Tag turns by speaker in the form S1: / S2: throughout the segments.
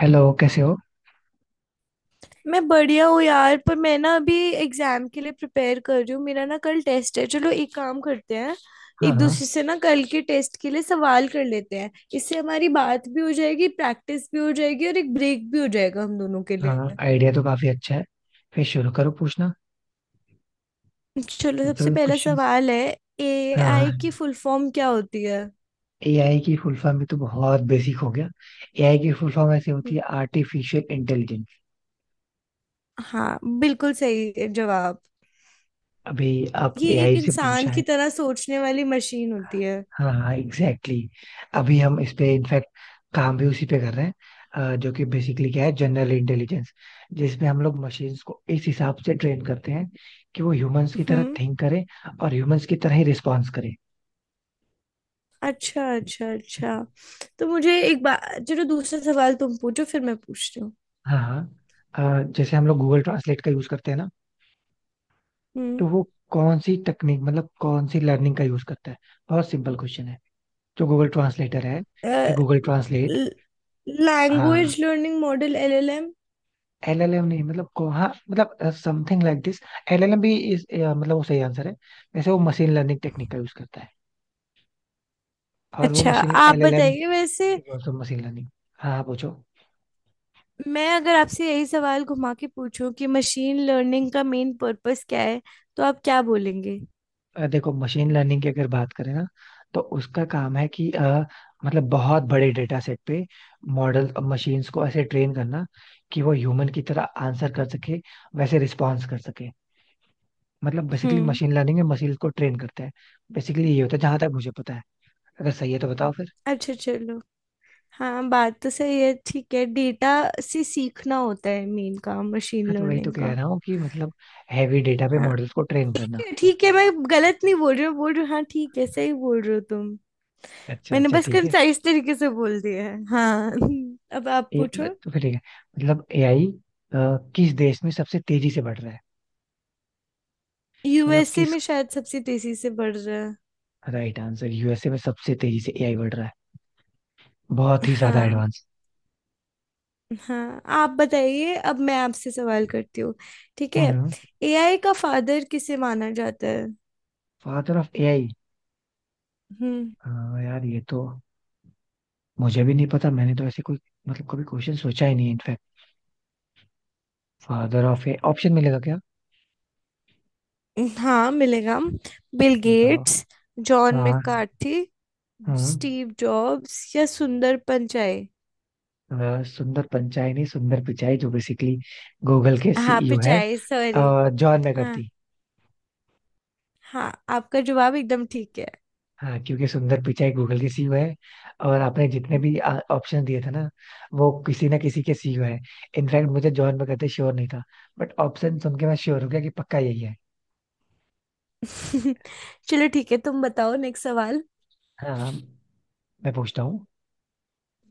S1: Hello कैसे हो।
S2: मैं बढ़िया हूँ यार। पर मैं ना अभी एग्जाम के लिए प्रिपेयर कर रही हूँ। मेरा ना कल टेस्ट है। चलो एक काम करते हैं,
S1: हाँ
S2: एक
S1: हाँ।
S2: दूसरे से ना कल के टेस्ट के लिए सवाल कर लेते हैं। इससे हमारी बात भी हो जाएगी, प्रैक्टिस भी हो जाएगी और एक ब्रेक भी हो जाएगा हम दोनों के लिए।
S1: हाँ, आइडिया तो काफी अच्छा है। फिर शुरू करो पूछना।
S2: चलो सबसे
S1: तो
S2: पहला
S1: क्वेश्चन।
S2: सवाल है। एआई
S1: हाँ,
S2: की फुल फॉर्म क्या होती है?
S1: एआई की फुल फॉर्म भी तो बहुत बेसिक हो गया। एआई की फुल फॉर्म ऐसे होती
S2: हम्म।
S1: है, आर्टिफिशियल इंटेलिजेंस।
S2: हाँ, बिल्कुल सही जवाब।
S1: अभी आप
S2: ये
S1: एआई
S2: एक
S1: से
S2: इंसान
S1: पूछा है।
S2: की तरह सोचने वाली मशीन होती है।
S1: हाँ हाँ, एग्जैक्टली exactly। अभी हम इस पे इनफैक्ट काम भी उसी पे कर रहे हैं, जो कि बेसिकली क्या है, जनरल इंटेलिजेंस, जिसमें हम लोग मशीन्स को इस हिसाब से ट्रेन करते हैं कि वो ह्यूमंस की तरह
S2: हम्म।
S1: थिंक करें और ह्यूमंस की तरह ही रिस्पॉन्स करें।
S2: अच्छा, अच्छा, अच्छा। तो मुझे एक बात। चलो दूसरा सवाल तुम पूछो, फिर मैं पूछती हूँ।
S1: हाँ। हाँ, जैसे हम लोग गूगल ट्रांसलेट का यूज करते हैं ना,
S2: हम्म।
S1: तो वो कौन सी टेक्निक, मतलब कौन सी लर्निंग का यूज करता है। बहुत सिंपल क्वेश्चन है। जो गूगल ट्रांसलेटर है, फिर गूगल ट्रांसलेट। हाँ,
S2: language learning model LLM.
S1: LLM नहीं मतलब को हाँ मतलब समथिंग लाइक दिस। एलएलएम भी इस मतलब वो सही आंसर है। वैसे वो मशीन लर्निंग टेक्निक का यूज करता है, और वो
S2: अच्छा।
S1: मशीन
S2: आप
S1: एलएलएम
S2: बताइए वैसे।
S1: Is also machine learning. हाँ हाँ, पूछो।
S2: मैं अगर आपसे यही सवाल घुमा के पूछूं कि मशीन लर्निंग का मेन पर्पस क्या है, तो आप क्या बोलेंगे?
S1: देखो, मशीन लर्निंग की अगर बात करें ना, तो उसका काम है कि मतलब बहुत बड़े डेटा सेट पे मॉडल मशीन्स को ऐसे ट्रेन करना कि वो ह्यूमन की तरह आंसर कर सके, वैसे रिस्पॉन्स कर सके। मतलब बेसिकली
S2: हम्म।
S1: मशीन लर्निंग में मशीन को ट्रेन करते हैं। बेसिकली ये होता है जहां तक मुझे पता है। अगर सही है तो बताओ फिर।
S2: अच्छा, चलो। हाँ, बात तो सही है, ठीक है। डेटा से सीखना होता है मेन काम मशीन
S1: हाँ तो वही तो
S2: लर्निंग
S1: कह
S2: का।
S1: रहा हूँ, कि मतलब हैवी डेटा पे मॉडल्स को ट्रेन करना।
S2: ठीक है, मैं गलत नहीं बोल रही हूँ बोल रही हूँ, हाँ ठीक है, सही बोल रहे हो तुम।
S1: अच्छा
S2: मैंने
S1: अच्छा,
S2: बस
S1: ठीक है।
S2: कंसाइज तरीके से बोल दिया है हाँ। अब आप
S1: ए,
S2: पूछो।
S1: तो फिर ठीक है। मतलब एआई किस देश में सबसे तेजी से बढ़ रहा है। मतलब
S2: यूएसए
S1: किस
S2: में शायद सबसे तेजी से बढ़ रहा है।
S1: राइट आंसर यूएसए में सबसे तेजी से एआई बढ़ रहा है। बहुत ही ज्यादा
S2: हाँ।
S1: एडवांस।
S2: हाँ, आप बताइए, अब मैं आपसे सवाल करती हूँ। ठीक है,
S1: हम्म।
S2: एआई का फादर किसे माना जाता है?
S1: Father of AI.
S2: हम्म।
S1: यार ये तो मुझे भी नहीं पता। मैंने तो ऐसे कोई मतलब कभी क्वेश्चन सोचा ही नहीं, in fact. Father of a option मिलेगा क्या।
S2: हाँ, मिलेगा। बिल
S1: बताओ।
S2: गेट्स, जॉन
S1: हाँ।
S2: मैकार्थी,
S1: हम्म।
S2: स्टीव जॉब्स या सुंदर पिचाई?
S1: सुंदर पिचाई नहीं, सुंदर पिचाई जो बेसिकली गूगल के
S2: हाँ,
S1: सीईओ है।
S2: पिचाई, सॉरी।
S1: John McCarthy.
S2: हाँ, आपका जवाब एकदम ठीक है।
S1: हाँ, क्योंकि सुंदर पिचाई गूगल की सीईओ है। और आपने जितने भी ऑप्शन दिए थे ना, वो किसी ना किसी के सीईओ है। इनफैक्ट मुझे जॉन बगैर श्योर नहीं था, बट ऑप्शन सुन के मैं श्योर हो गया कि पक्का यही है।
S2: चलो ठीक है, तुम बताओ नेक्स्ट सवाल।
S1: हाँ। मैं पूछता हूँ।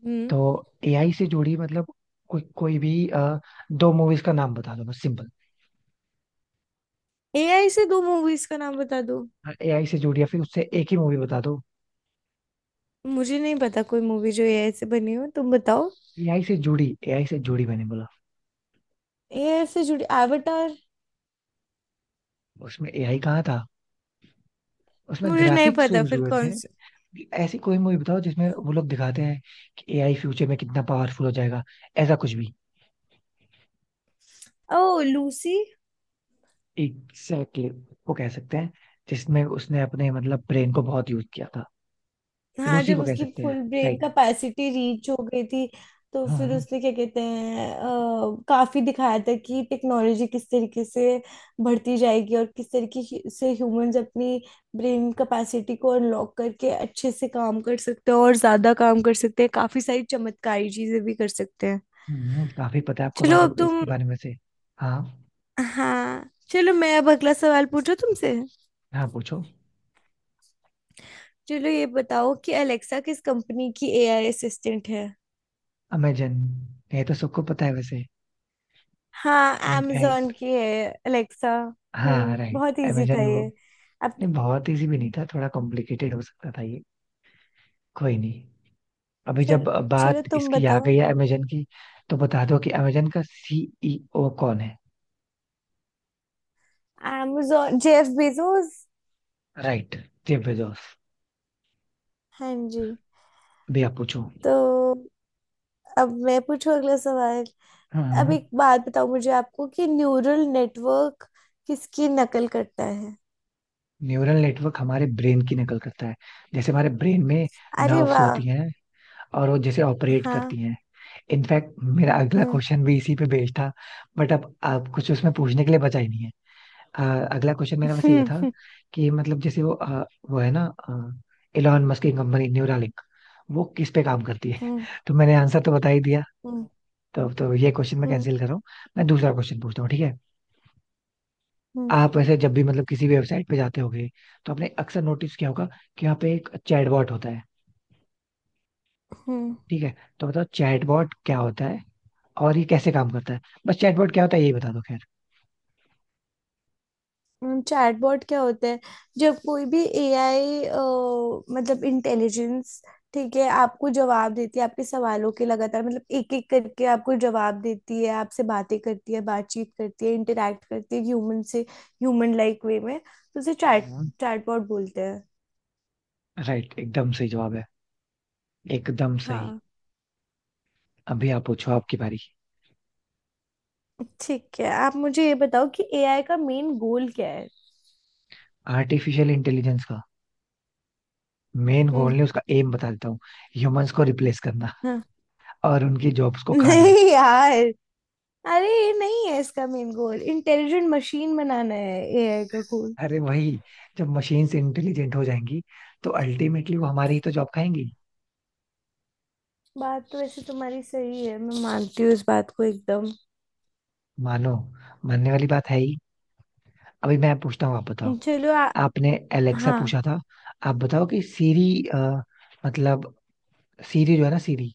S2: हम्म।
S1: तो एआई से जुड़ी मतलब कोई कोई भी दो मूवीज का नाम बता दो, बस सिंपल।
S2: एआई से दो मूवीज का नाम बता दो।
S1: एआई से जुड़ी, या फिर उससे एक ही मूवी बता दो।
S2: मुझे नहीं पता कोई मूवी जो एआई से बनी हो, तुम बताओ।
S1: एआई से जुड़ी, एआई से जुड़ी मैंने बोला।
S2: एआई से जुड़ी एवटार।
S1: उसमें एआई कहाँ था। उसमें
S2: मुझे नहीं
S1: ग्राफिक्स
S2: पता,
S1: यूज
S2: फिर
S1: हुए
S2: कौन
S1: थे।
S2: सा?
S1: ऐसी कोई मूवी बताओ जिसमें वो लोग दिखाते हैं कि एआई फ्यूचर में कितना पावरफुल हो जाएगा, ऐसा कुछ भी।
S2: ओ लूसी।
S1: एग्जैक्टली। वो कह सकते हैं, जिसमें उसने अपने मतलब ब्रेन को बहुत यूज किया था।
S2: हाँ,
S1: लूसी
S2: जब
S1: को कह
S2: उसकी
S1: सकते हैं।
S2: Full brain
S1: right.
S2: Capacity reach हो गई थी। तो फिर
S1: हाँ।
S2: उसने क्या कहते हैं, काफी दिखाया था कि टेक्नोलॉजी किस तरीके से बढ़ती जाएगी और किस तरीके ह्यूमंस अपनी ब्रेन कैपेसिटी को अनलॉक करके अच्छे से काम कर सकते हैं और ज्यादा काम कर सकते हैं, काफी सारी चमत्कारी चीजें भी कर सकते हैं।
S1: काफी पता है आपको
S2: चलो
S1: बारे
S2: अब तुम।
S1: इसके बारे में से। हाँ
S2: हाँ, चलो मैं अब अगला सवाल पूछूं तुमसे।
S1: हाँ, पूछो।
S2: चलो ये बताओ कि अलेक्सा किस कंपनी की एआई असिस्टेंट है?
S1: अमेजन। ये तो सबको पता है वैसे।
S2: हाँ, amazon
S1: इनफैक्ट
S2: की है अलेक्सा।
S1: हाँ, राइट,
S2: बहुत इजी था
S1: अमेजन वो।
S2: ये। अब
S1: नहीं बहुत इजी भी नहीं था, थोड़ा कॉम्प्लिकेटेड हो सकता था ये। कोई नहीं। अभी
S2: चल,
S1: जब
S2: चलो
S1: बात
S2: तुम
S1: इसकी आ
S2: बताओ।
S1: गई है अमेजन की, तो बता दो कि अमेजन का सीईओ कौन है।
S2: amazon Jeff Bezos.
S1: Right, Jeff Bezos.
S2: हाँ जी।
S1: भैया पूछो।
S2: तो अब मैं पूछूं अगला सवाल। अब
S1: हाँ।
S2: एक बात बताओ मुझे आपको कि न्यूरल नेटवर्क किसकी नकल करता है?
S1: न्यूरल नेटवर्क हमारे ब्रेन की नकल करता है। जैसे हमारे ब्रेन में
S2: अरे
S1: नर्व्स
S2: वाह।
S1: होती हैं और वो जैसे ऑपरेट
S2: हाँ।
S1: करती हैं। इनफैक्ट मेरा अगला
S2: हम्म।
S1: क्वेश्चन भी इसी पे बेस्ड था, बट अब आप कुछ उसमें पूछने के लिए बचा ही नहीं है। अ, अगला क्वेश्चन मेरा वैसे ये
S2: हम्म।
S1: था कि मतलब जैसे वो वो है ना एलॉन मस्क की कंपनी न्यूरालिंक, वो किस पे काम करती है
S2: हम्म।
S1: तो मैंने आंसर तो बता ही दिया।
S2: हम्म।
S1: तो ये क्वेश्चन मैं
S2: हम्म।
S1: कैंसिल कर रहा हूँ। मैं दूसरा क्वेश्चन पूछता हूँ, ठीक है।
S2: हम्म।
S1: आप ऐसे जब भी मतलब किसी भी वेबसाइट पे जाते होगे, तो आपने अक्सर नोटिस किया होगा कि यहाँ पे एक चैटबॉट होता है।
S2: हम्म।
S1: ठीक है। तो बताओ चैटबॉट क्या होता है और ये कैसे काम करता है। बस चैटबॉट क्या होता है यही बता दो खैर।
S2: चैटबॉट क्या होता है? जब कोई भी एआई मतलब इंटेलिजेंस ठीक है आपको जवाब देती है आपके सवालों के, लगातार मतलब एक एक करके आपको जवाब देती है, आपसे बातें करती है, बातचीत करती है, इंटरेक्ट करती है ह्यूमन से ह्यूमन लाइक वे में, तो उसे चैटबॉट बोलते हैं।
S1: राइट, एकदम सही जवाब है, एकदम सही।
S2: हाँ।
S1: अभी आप पूछो, आपकी बारी।
S2: ठीक है, आप मुझे ये बताओ कि एआई का मेन गोल क्या है?
S1: आर्टिफिशियल इंटेलिजेंस का मेन गोल
S2: हम्म।
S1: नहीं, उसका एम बता देता हूँ। ह्यूमंस को रिप्लेस करना,
S2: हाँ।
S1: और उनकी जॉब्स को खाना।
S2: नहीं यार, अरे ये नहीं है इसका मेन गोल, इंटेलिजेंट मशीन बनाना है एआई का।
S1: अरे वही, जब मशीन्स इंटेलिजेंट हो जाएंगी तो अल्टीमेटली वो हमारी ही तो जॉब खाएंगी।
S2: बात तो वैसे तुम्हारी सही है, मैं मानती हूँ इस बात को एकदम।
S1: मानो, मानने वाली बात है ही। अभी मैं पूछता हूँ, आप बताओ।
S2: चलो
S1: आपने एलेक्सा
S2: हाँ।
S1: पूछा था। आप बताओ कि सीरी मतलब सीरी जो है ना, सीरी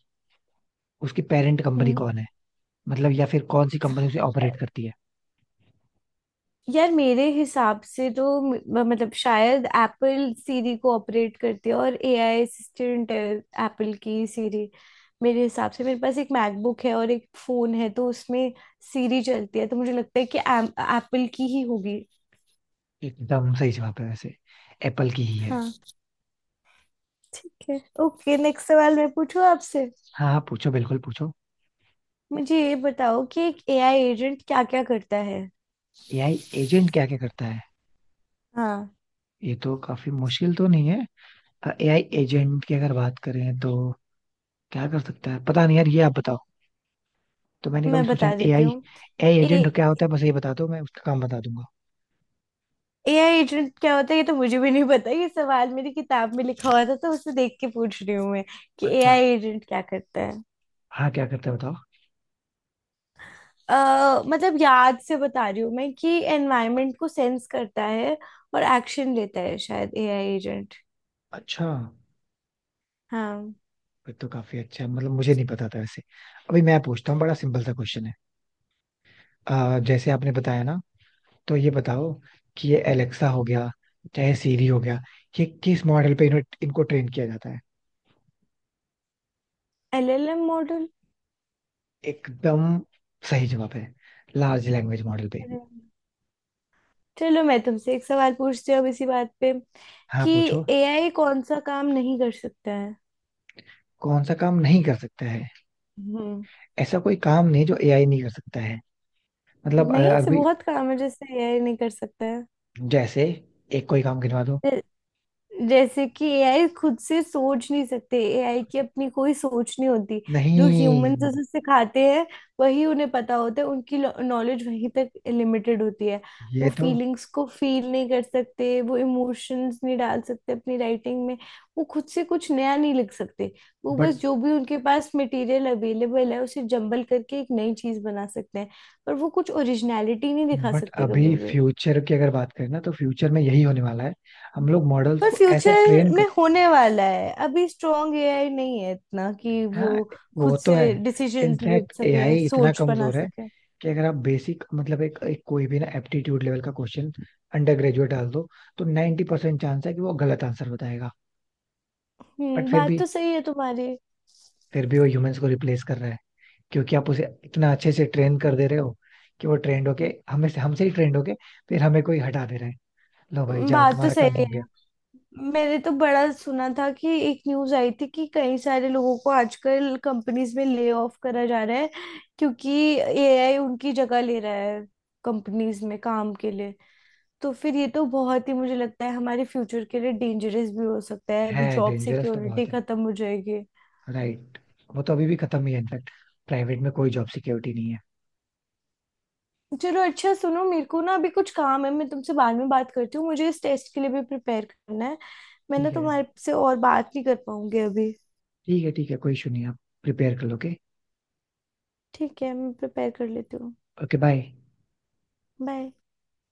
S1: उसकी पेरेंट कंपनी
S2: हम्म।
S1: कौन है, मतलब या फिर कौन सी कंपनी उसे
S2: अ,
S1: ऑपरेट करती है।
S2: यार मेरे हिसाब से तो मतलब शायद एप्पल सीरी को ऑपरेट करती है और एआई असिस्टेंट है। एप्पल की सीरी। मेरे हिसाब से मेरे पास एक मैकबुक है और एक फोन है, तो उसमें सीरी चलती है, तो मुझे लगता है कि एप्पल की ही होगी।
S1: एकदम सही जवाब है वैसे। एप्पल की ही है।
S2: हाँ। ठीक है, ओके, नेक्स्ट सवाल मैं पूछूं आपसे।
S1: हाँ हाँ पूछो, बिल्कुल पूछो।
S2: मुझे ये बताओ कि एक एआई एजेंट क्या क्या करता है?
S1: एआई एजेंट क्या क्या करता है।
S2: हाँ।
S1: ये तो काफी मुश्किल तो नहीं है। एआई एजेंट की अगर बात करें तो क्या कर सकता है पता नहीं यार, ये आप बताओ। तो मैंने कभी
S2: मैं
S1: सोचा
S2: बता
S1: नहीं
S2: देती
S1: एआई।
S2: हूँ।
S1: एआई
S2: ए
S1: एजेंट क्या होता है बस ये बता दो, मैं उसका काम बता दूंगा।
S2: एआई एजेंट क्या होता है ये तो मुझे भी नहीं पता, ये सवाल मेरी किताब में लिखा हुआ था तो उसे देख के पूछ रही हूँ मैं कि
S1: अच्छा।
S2: एआई एजेंट क्या करता है।
S1: हाँ क्या करता है बताओ।
S2: मतलब याद से बता रही हूँ मैं कि एनवायरनमेंट को सेंस करता है और एक्शन लेता है, शायद एआई एजेंट।
S1: अच्छा,
S2: हाँ।
S1: फिर तो काफी अच्छा है, मतलब मुझे नहीं पता था वैसे। अभी मैं पूछता हूँ, बड़ा सिंपल सा क्वेश्चन है। जैसे आपने बताया ना, तो ये बताओ कि ये एलेक्सा हो गया, चाहे सीरी हो गया, ये किस मॉडल पे इनको ट्रेन किया जाता है।
S2: LLM model.
S1: एकदम सही जवाब है, लार्ज लैंग्वेज मॉडल पे।
S2: अरे, चलो मैं तुमसे एक सवाल पूछती हूँ अब इसी बात पे
S1: हाँ
S2: कि
S1: पूछो।
S2: एआई कौन सा काम नहीं कर सकता है?
S1: कौन सा काम नहीं कर सकता है।
S2: हम्म।
S1: ऐसा कोई काम नहीं जो एआई नहीं कर सकता है। मतलब
S2: नहीं, ऐसे
S1: अभी
S2: बहुत काम है जैसे एआई नहीं कर सकता
S1: जैसे, एक कोई काम गिनवा दो।
S2: है। जैसे कि एआई खुद से सोच नहीं सकते, एआई की अपनी कोई सोच नहीं होती, जो ह्यूमंस
S1: नहीं
S2: उसे सिखाते हैं वही उन्हें पता होता है, उनकी नॉलेज वहीं तक लिमिटेड होती है। वो
S1: ये तो
S2: फीलिंग्स को फील नहीं कर सकते, वो इमोशंस नहीं डाल सकते अपनी राइटिंग में, वो खुद से कुछ नया नहीं लिख सकते, वो बस
S1: बट
S2: जो भी उनके पास मटेरियल अवेलेबल है उसे जंबल करके एक नई चीज बना सकते हैं, पर वो कुछ ओरिजिनलिटी नहीं दिखा
S1: बट
S2: सकते
S1: अभी
S2: कभी भी।
S1: फ्यूचर की अगर बात करें ना, तो फ्यूचर में यही होने वाला है। हम लोग मॉडल्स
S2: पर
S1: को ऐसा
S2: फ्यूचर
S1: ट्रेन
S2: में
S1: करते
S2: होने वाला है, अभी स्ट्रॉन्ग एआई नहीं है इतना कि
S1: हैं।
S2: वो
S1: हाँ, वो
S2: खुद
S1: तो है।
S2: से डिसीजंस ले
S1: इनफैक्ट
S2: सके,
S1: एआई इतना
S2: सोच बना
S1: कमजोर है
S2: सके।
S1: कि अगर आप बेसिक मतलब एक कोई भी ना एप्टीट्यूड लेवल का क्वेश्चन अंडर ग्रेजुएट डाल दो, तो 90% परसेंट चांस है कि वो गलत आंसर बताएगा। बट फिर
S2: बात
S1: भी,
S2: तो सही है तुम्हारी।
S1: फिर भी वो ह्यूमंस को रिप्लेस कर रहा है, क्योंकि आप उसे इतना अच्छे से ट्रेन कर दे रहे हो कि वो ट्रेंड होके हमें से हमसे ही ट्रेंड होके फिर हमें कोई हटा दे रहा है। लो भाई जाओ
S2: बात तो
S1: तुम्हारा
S2: सही
S1: काम
S2: है।
S1: हो गया।
S2: मैंने तो बड़ा सुना था कि एक न्यूज आई थी कि कई सारे लोगों को आजकल कंपनीज में ले ऑफ करा जा रहा है, क्योंकि एआई उनकी जगह ले रहा है कंपनीज में काम के लिए। तो फिर ये तो बहुत ही मुझे लगता है हमारे फ्यूचर के लिए डेंजरस भी हो सकता
S1: है
S2: है, जॉब
S1: डेंजरस तो
S2: सिक्योरिटी
S1: बहुत है।
S2: खत्म हो जाएगी।
S1: राइट। वो तो अभी भी खत्म ही है इनफैक्ट। प्राइवेट में कोई जॉब सिक्योरिटी नहीं है।
S2: चलो अच्छा सुनो, मेरे को ना अभी कुछ काम है, मैं तुमसे बाद में बात करती हूँ, मुझे इस टेस्ट के लिए भी प्रिपेयर करना है। मैं ना
S1: ठीक है।
S2: तुम्हारे से और बात नहीं कर पाऊंगी अभी।
S1: ठीक है ठीक है, कोई इशू नहीं। आप प्रिपेयर कर लोगे ओके।
S2: ठीक है, मैं प्रिपेयर कर लेती हूँ।
S1: Okay, bye.
S2: बाय।